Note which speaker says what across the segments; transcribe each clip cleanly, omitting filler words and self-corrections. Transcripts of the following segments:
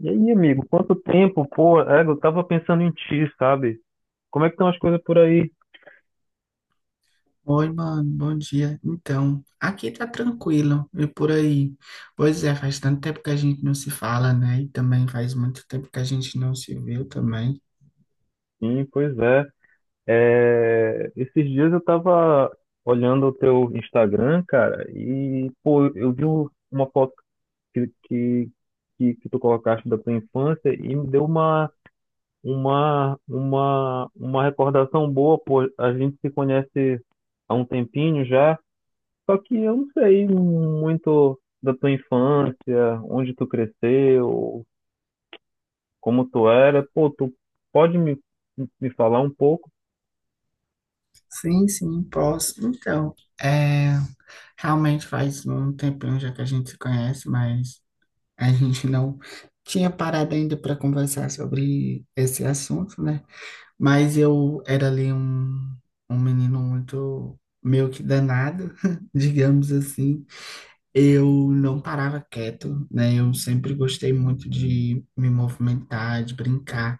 Speaker 1: E aí, amigo, quanto tempo? Pô, é, eu tava pensando em ti, sabe? Como é que estão as coisas por aí?
Speaker 2: Oi, mano, bom dia. Então, aqui tá tranquilo e por aí. Pois é, faz tanto tempo que a gente não se fala, né? E também faz muito tempo que a gente não se viu também.
Speaker 1: Sim, pois é. É, esses dias eu tava olhando o teu Instagram, cara, e, pô, eu vi uma foto que, que, que tu colocaste da tua infância e me deu uma recordação boa, pô. A gente se conhece há um tempinho já. Só que eu não sei muito da tua infância, onde tu cresceu, como tu era. Pô, tu pode me falar um pouco?
Speaker 2: Sim, sim, posso. Então, é, realmente faz um tempinho já que a gente se conhece, mas a gente não tinha parado ainda para conversar sobre esse assunto, né? Mas eu era ali um menino muito meio que danado, digamos assim. Eu não parava quieto, né? Eu sempre gostei muito de me movimentar, de brincar.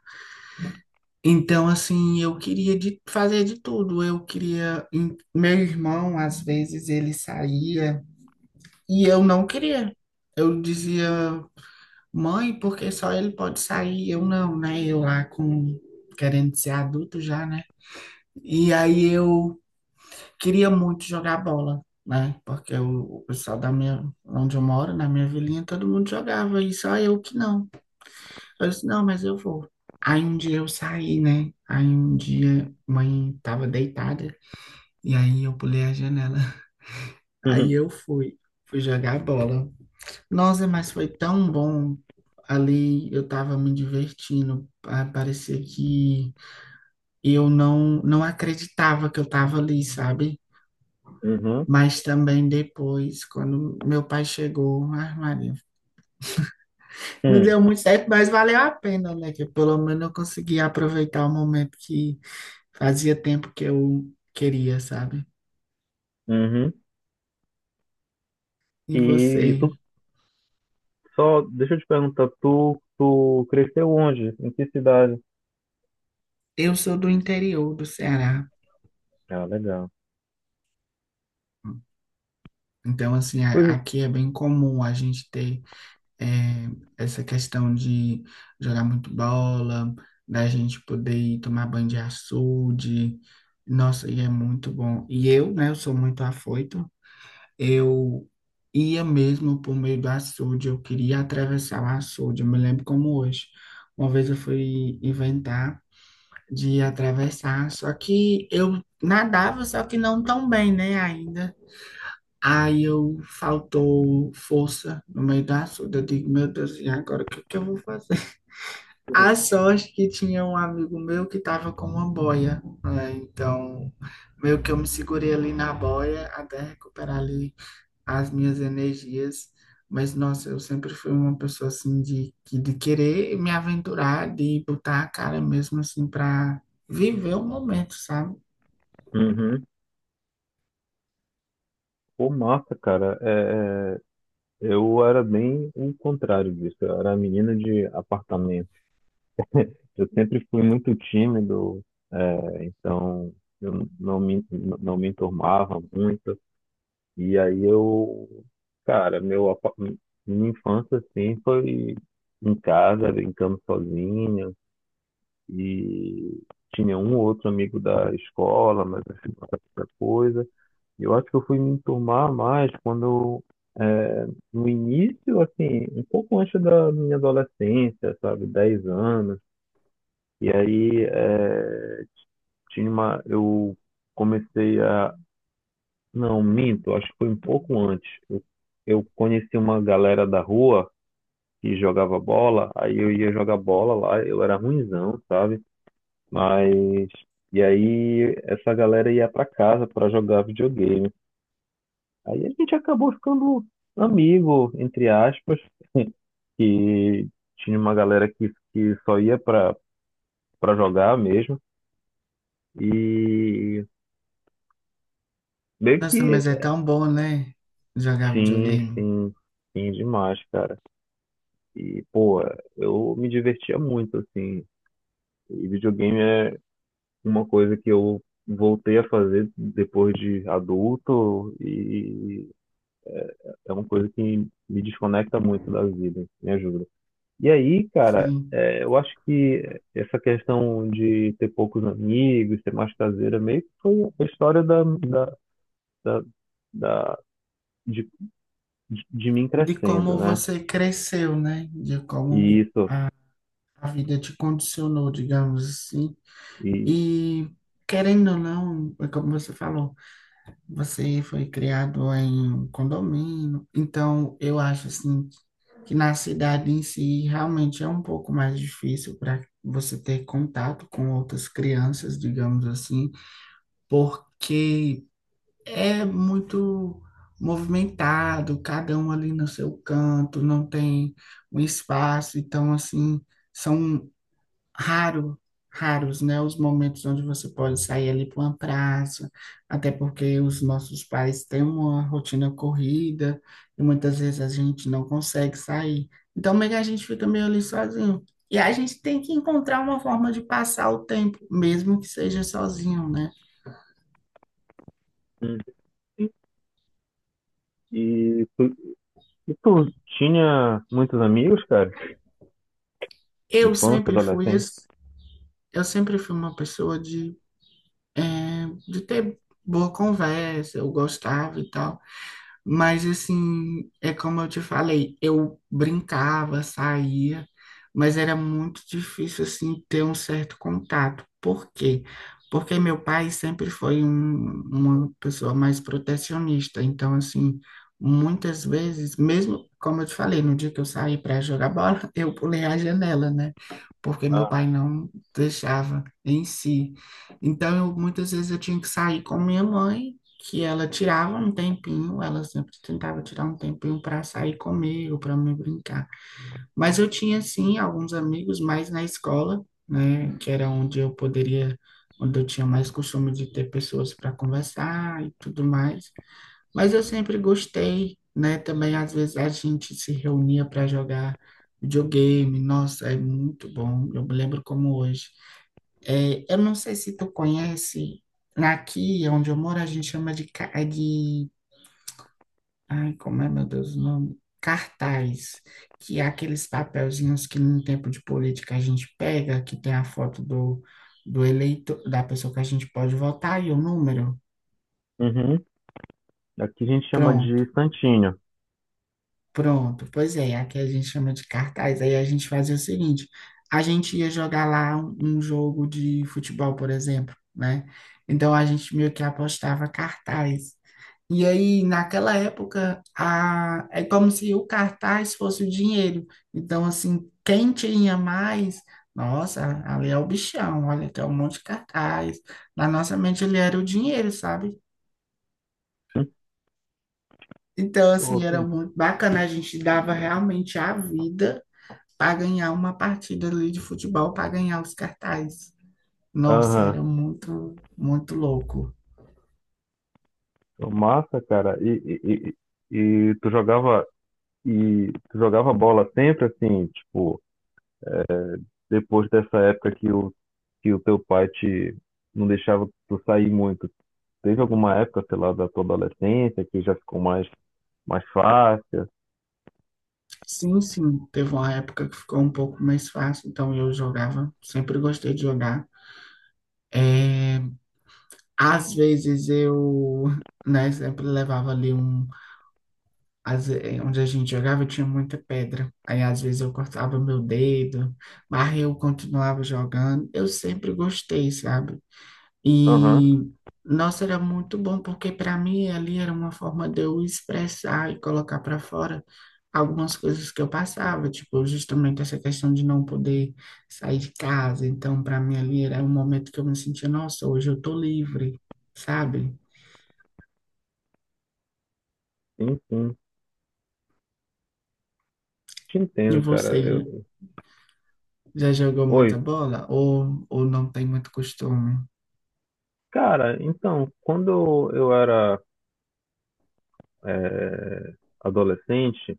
Speaker 2: Então, assim, eu queria de fazer de tudo. Eu queria. Meu irmão, às vezes, ele saía e eu não queria. Eu dizia, mãe, porque só ele pode sair, eu não, né? Eu lá com querendo ser adulto já, né? E aí eu queria muito jogar bola, né? Porque o pessoal da minha, onde eu moro, na minha vilinha, todo mundo jogava e só eu que não. Eu disse, não, mas eu vou. Aí um dia eu saí, né? Aí um dia mãe tava deitada e aí eu pulei a janela. Aí eu fui, Fui jogar bola. Nossa, mas foi tão bom. Ali eu tava me divertindo. Ah, parecia que eu não acreditava que eu tava ali, sabe?
Speaker 1: Uhum,
Speaker 2: Mas também depois, quando meu pai chegou, ai, Maria, não
Speaker 1: uhum, uhum,
Speaker 2: deu muito certo, mas valeu a pena, né? Que pelo menos eu consegui aproveitar o momento que fazia tempo que eu queria, sabe?
Speaker 1: uhum.
Speaker 2: E
Speaker 1: E
Speaker 2: você?
Speaker 1: deixa eu te perguntar, tu cresceu onde? Em que cidade?
Speaker 2: Eu sou do interior do Ceará,
Speaker 1: Ah, legal.
Speaker 2: então, assim,
Speaker 1: Pois,
Speaker 2: aqui é bem comum a gente ter eh, essa questão de jogar muito bola, da gente poder ir tomar banho de açude. Nossa, e é muito bom. E eu, né, eu sou muito afoito. Eu ia mesmo por meio do açude, eu queria atravessar o açude, eu me lembro como hoje. Uma vez eu fui inventar de atravessar, só que eu nadava, só que não tão bem, né, ainda. Aí eu faltou força no meio do açude, eu digo, meu Deus, e agora o que que eu vou fazer? A sorte que tinha um amigo meu que estava com uma boia, né? Então, meio que eu me segurei ali na boia até recuperar ali as minhas energias, mas nossa, eu sempre fui uma pessoa assim de querer me aventurar, de botar a cara mesmo assim para viver o momento, sabe?
Speaker 1: uhum. Pô, massa, cara. Eu era bem o contrário disso. Eu era menino de apartamento. Eu sempre fui muito tímido, é, então eu não me enturmava muito. E aí eu, cara, minha infância assim foi em casa, brincando sozinho. E tinha um ou outro amigo da escola, mas assim, não era muita coisa. E eu acho que eu fui me enturmar mais quando, é, no início, assim, um pouco antes da minha adolescência, sabe, 10 anos. E aí, é, tinha eu comecei a. Não, minto, acho que foi um pouco antes. Eu conheci uma galera da rua que jogava bola, aí eu ia jogar bola lá, eu era ruinzão, sabe? Mas. E aí essa galera ia pra casa pra jogar videogame. Aí a gente acabou ficando amigo, entre aspas, que tinha uma galera que só ia pra jogar mesmo. E meio
Speaker 2: Nossa,
Speaker 1: que
Speaker 2: mas é tão bom, né? Jogar
Speaker 1: sim,
Speaker 2: videogame.
Speaker 1: sim, sim, demais, cara. E, pô, eu me divertia muito, assim. E videogame é uma coisa que eu voltei a fazer depois de adulto e é uma coisa que me desconecta muito da vida, me ajuda. E aí, cara,
Speaker 2: Sim.
Speaker 1: é, eu acho que essa questão de ter poucos amigos, ser mais caseira, meio que foi a história da, da- de, de mim
Speaker 2: De
Speaker 1: crescendo,
Speaker 2: como
Speaker 1: né?
Speaker 2: você cresceu, né? De
Speaker 1: E
Speaker 2: como
Speaker 1: isso.
Speaker 2: a vida te condicionou, digamos assim.
Speaker 1: E,
Speaker 2: E querendo ou não, é como você falou, você foi criado em um condomínio, então eu acho assim que na cidade em si realmente é um pouco mais difícil para você ter contato com outras crianças, digamos assim, porque é muito movimentado, cada um ali no seu canto, não tem um espaço, então assim, são raro, raros, né, os momentos onde você pode sair ali para uma praça, até porque os nossos pais têm uma rotina corrida e muitas vezes a gente não consegue sair. Então, meio que a gente fica meio ali sozinho. E a gente tem que encontrar uma forma de passar o tempo, mesmo que seja sozinho, né?
Speaker 1: E tu, e tu tinha muitos amigos, cara?
Speaker 2: Eu
Speaker 1: Infância,
Speaker 2: sempre fui,
Speaker 1: adolescência?
Speaker 2: esse- eu sempre fui uma pessoa de ter boa conversa, eu gostava e tal. Mas assim, é como eu te falei, eu brincava, saía, mas era muito difícil assim ter um certo contato. Por quê? Porque meu pai sempre foi uma pessoa mais protecionista. Então, assim, muitas vezes, mesmo como eu te falei, no dia que eu saí para jogar bola, eu pulei a janela, né? Porque meu
Speaker 1: Ah,
Speaker 2: pai não deixava em si. Então, eu, muitas vezes eu tinha que sair com minha mãe que ela tirava um tempinho, ela sempre tentava tirar um tempinho para sair comigo, para me brincar. Mas eu tinha sim alguns amigos mais na escola, né, que era onde eu poderia, onde eu tinha mais costume de ter pessoas para conversar e tudo mais. Mas eu sempre gostei, né, também às vezes a gente se reunia para jogar videogame. Nossa, é muito bom. Eu me lembro como hoje. É, eu não sei se tu conhece. Aqui onde eu moro, a gente chama de, ai, como é, meu Deus, o nome? Cartaz, que é aqueles papelzinhos que no tempo de política a gente pega, que tem a foto do, do eleito, da pessoa que a gente pode votar e o número.
Speaker 1: uhum. Aqui a gente chama de
Speaker 2: Pronto,
Speaker 1: Santinho.
Speaker 2: pronto. Pois é, aqui a gente chama de cartaz. Aí a gente fazia o seguinte: a gente ia jogar lá um jogo de futebol, por exemplo, né? Então a gente meio que apostava cartaz. E aí, naquela época, a... é como se o cartaz fosse o dinheiro. Então, assim, quem tinha mais, nossa, ali é o bichão, olha, tem um monte de cartaz. Na nossa mente, ele era o dinheiro, sabe?
Speaker 1: Hum?
Speaker 2: Então,
Speaker 1: Pô,
Speaker 2: assim, era
Speaker 1: sim.
Speaker 2: muito bacana, a gente dava realmente a vida para ganhar uma partida ali de futebol, para ganhar os cartazes. Nossa,
Speaker 1: Aham.
Speaker 2: era muito, muito louco.
Speaker 1: Pô, massa, cara. E, e, e tu jogava e tu jogava bola sempre assim, tipo, depois dessa época que que o teu pai te não deixava tu sair muito. Teve alguma época, sei lá, da tua adolescência que já ficou mais fácil?
Speaker 2: Sim, sim, teve uma época que ficou um pouco mais fácil, então eu jogava, sempre gostei de jogar. É, às vezes eu, né, sempre levava ali um, onde a gente jogava tinha muita pedra. Aí às vezes eu cortava meu dedo, mas eu continuava jogando. Eu sempre gostei, sabe?
Speaker 1: Aham.
Speaker 2: E, nossa, era muito bom, porque para mim ali era uma forma de eu expressar e colocar para fora algumas coisas que eu passava, tipo, justamente essa questão de não poder sair de casa. Então, para mim ali era um momento que eu me sentia, nossa, hoje eu tô livre, sabe?
Speaker 1: Sim, sim. Te
Speaker 2: E
Speaker 1: entendo, cara.
Speaker 2: você já
Speaker 1: Eu...
Speaker 2: já jogou
Speaker 1: Oi,
Speaker 2: muita bola ou não tem muito costume?
Speaker 1: cara, então, quando eu era eh, adolescente,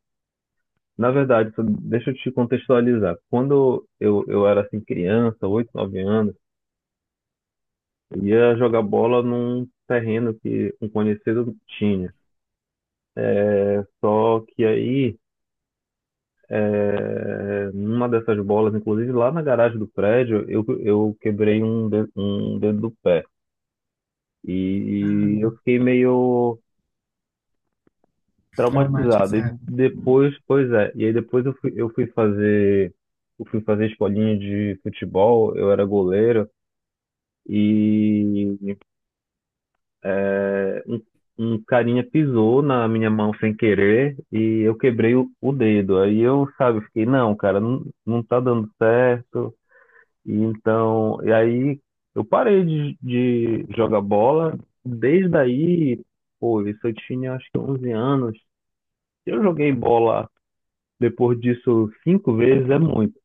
Speaker 1: na verdade, só deixa eu te contextualizar. Quando eu era assim, criança, 8, 9 anos, eu ia jogar bola num terreno que um conhecido tinha. Só que aí, numa dessas bolas, inclusive lá na garagem do prédio, eu quebrei um dedo do pé.
Speaker 2: Ah,
Speaker 1: E eu fiquei meio traumatizado. E
Speaker 2: traumatizado.
Speaker 1: depois, pois é, e aí depois eu fui fazer eu fui fazer escolinha de futebol, eu era goleiro, e é, um carinha pisou na minha mão sem querer e eu quebrei o dedo. Aí eu, sabe, fiquei, não, cara, não tá dando certo. E então, e aí eu parei de jogar bola. Desde aí, pô, isso eu tinha acho que 11 anos. Eu joguei bola depois disso, 5 vezes é muito.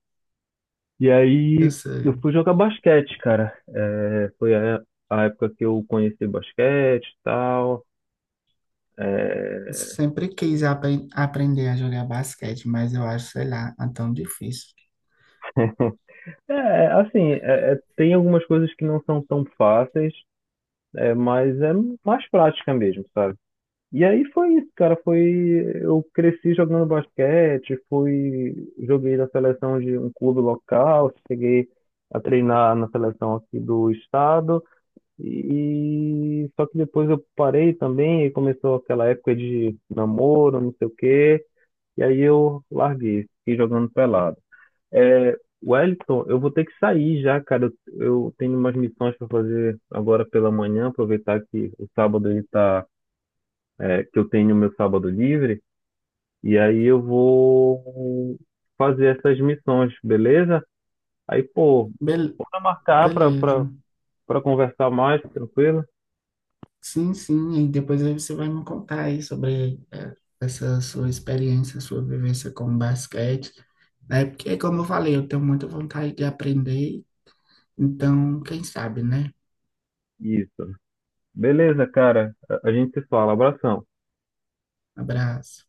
Speaker 1: E
Speaker 2: Eu
Speaker 1: aí
Speaker 2: sei.
Speaker 1: eu fui jogar basquete, cara. É, foi a época que eu conheci basquete e tal. É,
Speaker 2: Sempre quis aprender a jogar basquete, mas eu acho, sei lá, é tão difícil.
Speaker 1: é, assim, tem algumas coisas que não são tão fáceis, é, mas é mais prática mesmo, sabe? E aí foi isso, cara. Foi, eu cresci jogando basquete, fui, joguei na seleção de um clube local, cheguei a treinar na seleção aqui do estado. E só que depois eu parei também e começou aquela época de namoro, não sei o quê, e aí eu larguei, fiquei jogando pelado. É, Wellington, eu vou ter que sair já, cara. Eu tenho umas missões para fazer agora pela manhã, aproveitar que o sábado ele tá, é, que eu tenho meu sábado livre, e aí eu vou fazer essas missões, beleza? Aí, pô,
Speaker 2: Bel-
Speaker 1: bora marcar
Speaker 2: Beleza.
Speaker 1: para conversar mais, tranquilo?
Speaker 2: Sim, sim. E depois aí você vai me contar aí sobre essa sua experiência, sua vivência com basquete, né? Porque, como eu falei, eu tenho muita vontade de aprender. Então, quem sabe, né?
Speaker 1: Isso. Beleza, cara. A gente se fala. Abração.
Speaker 2: Abraço.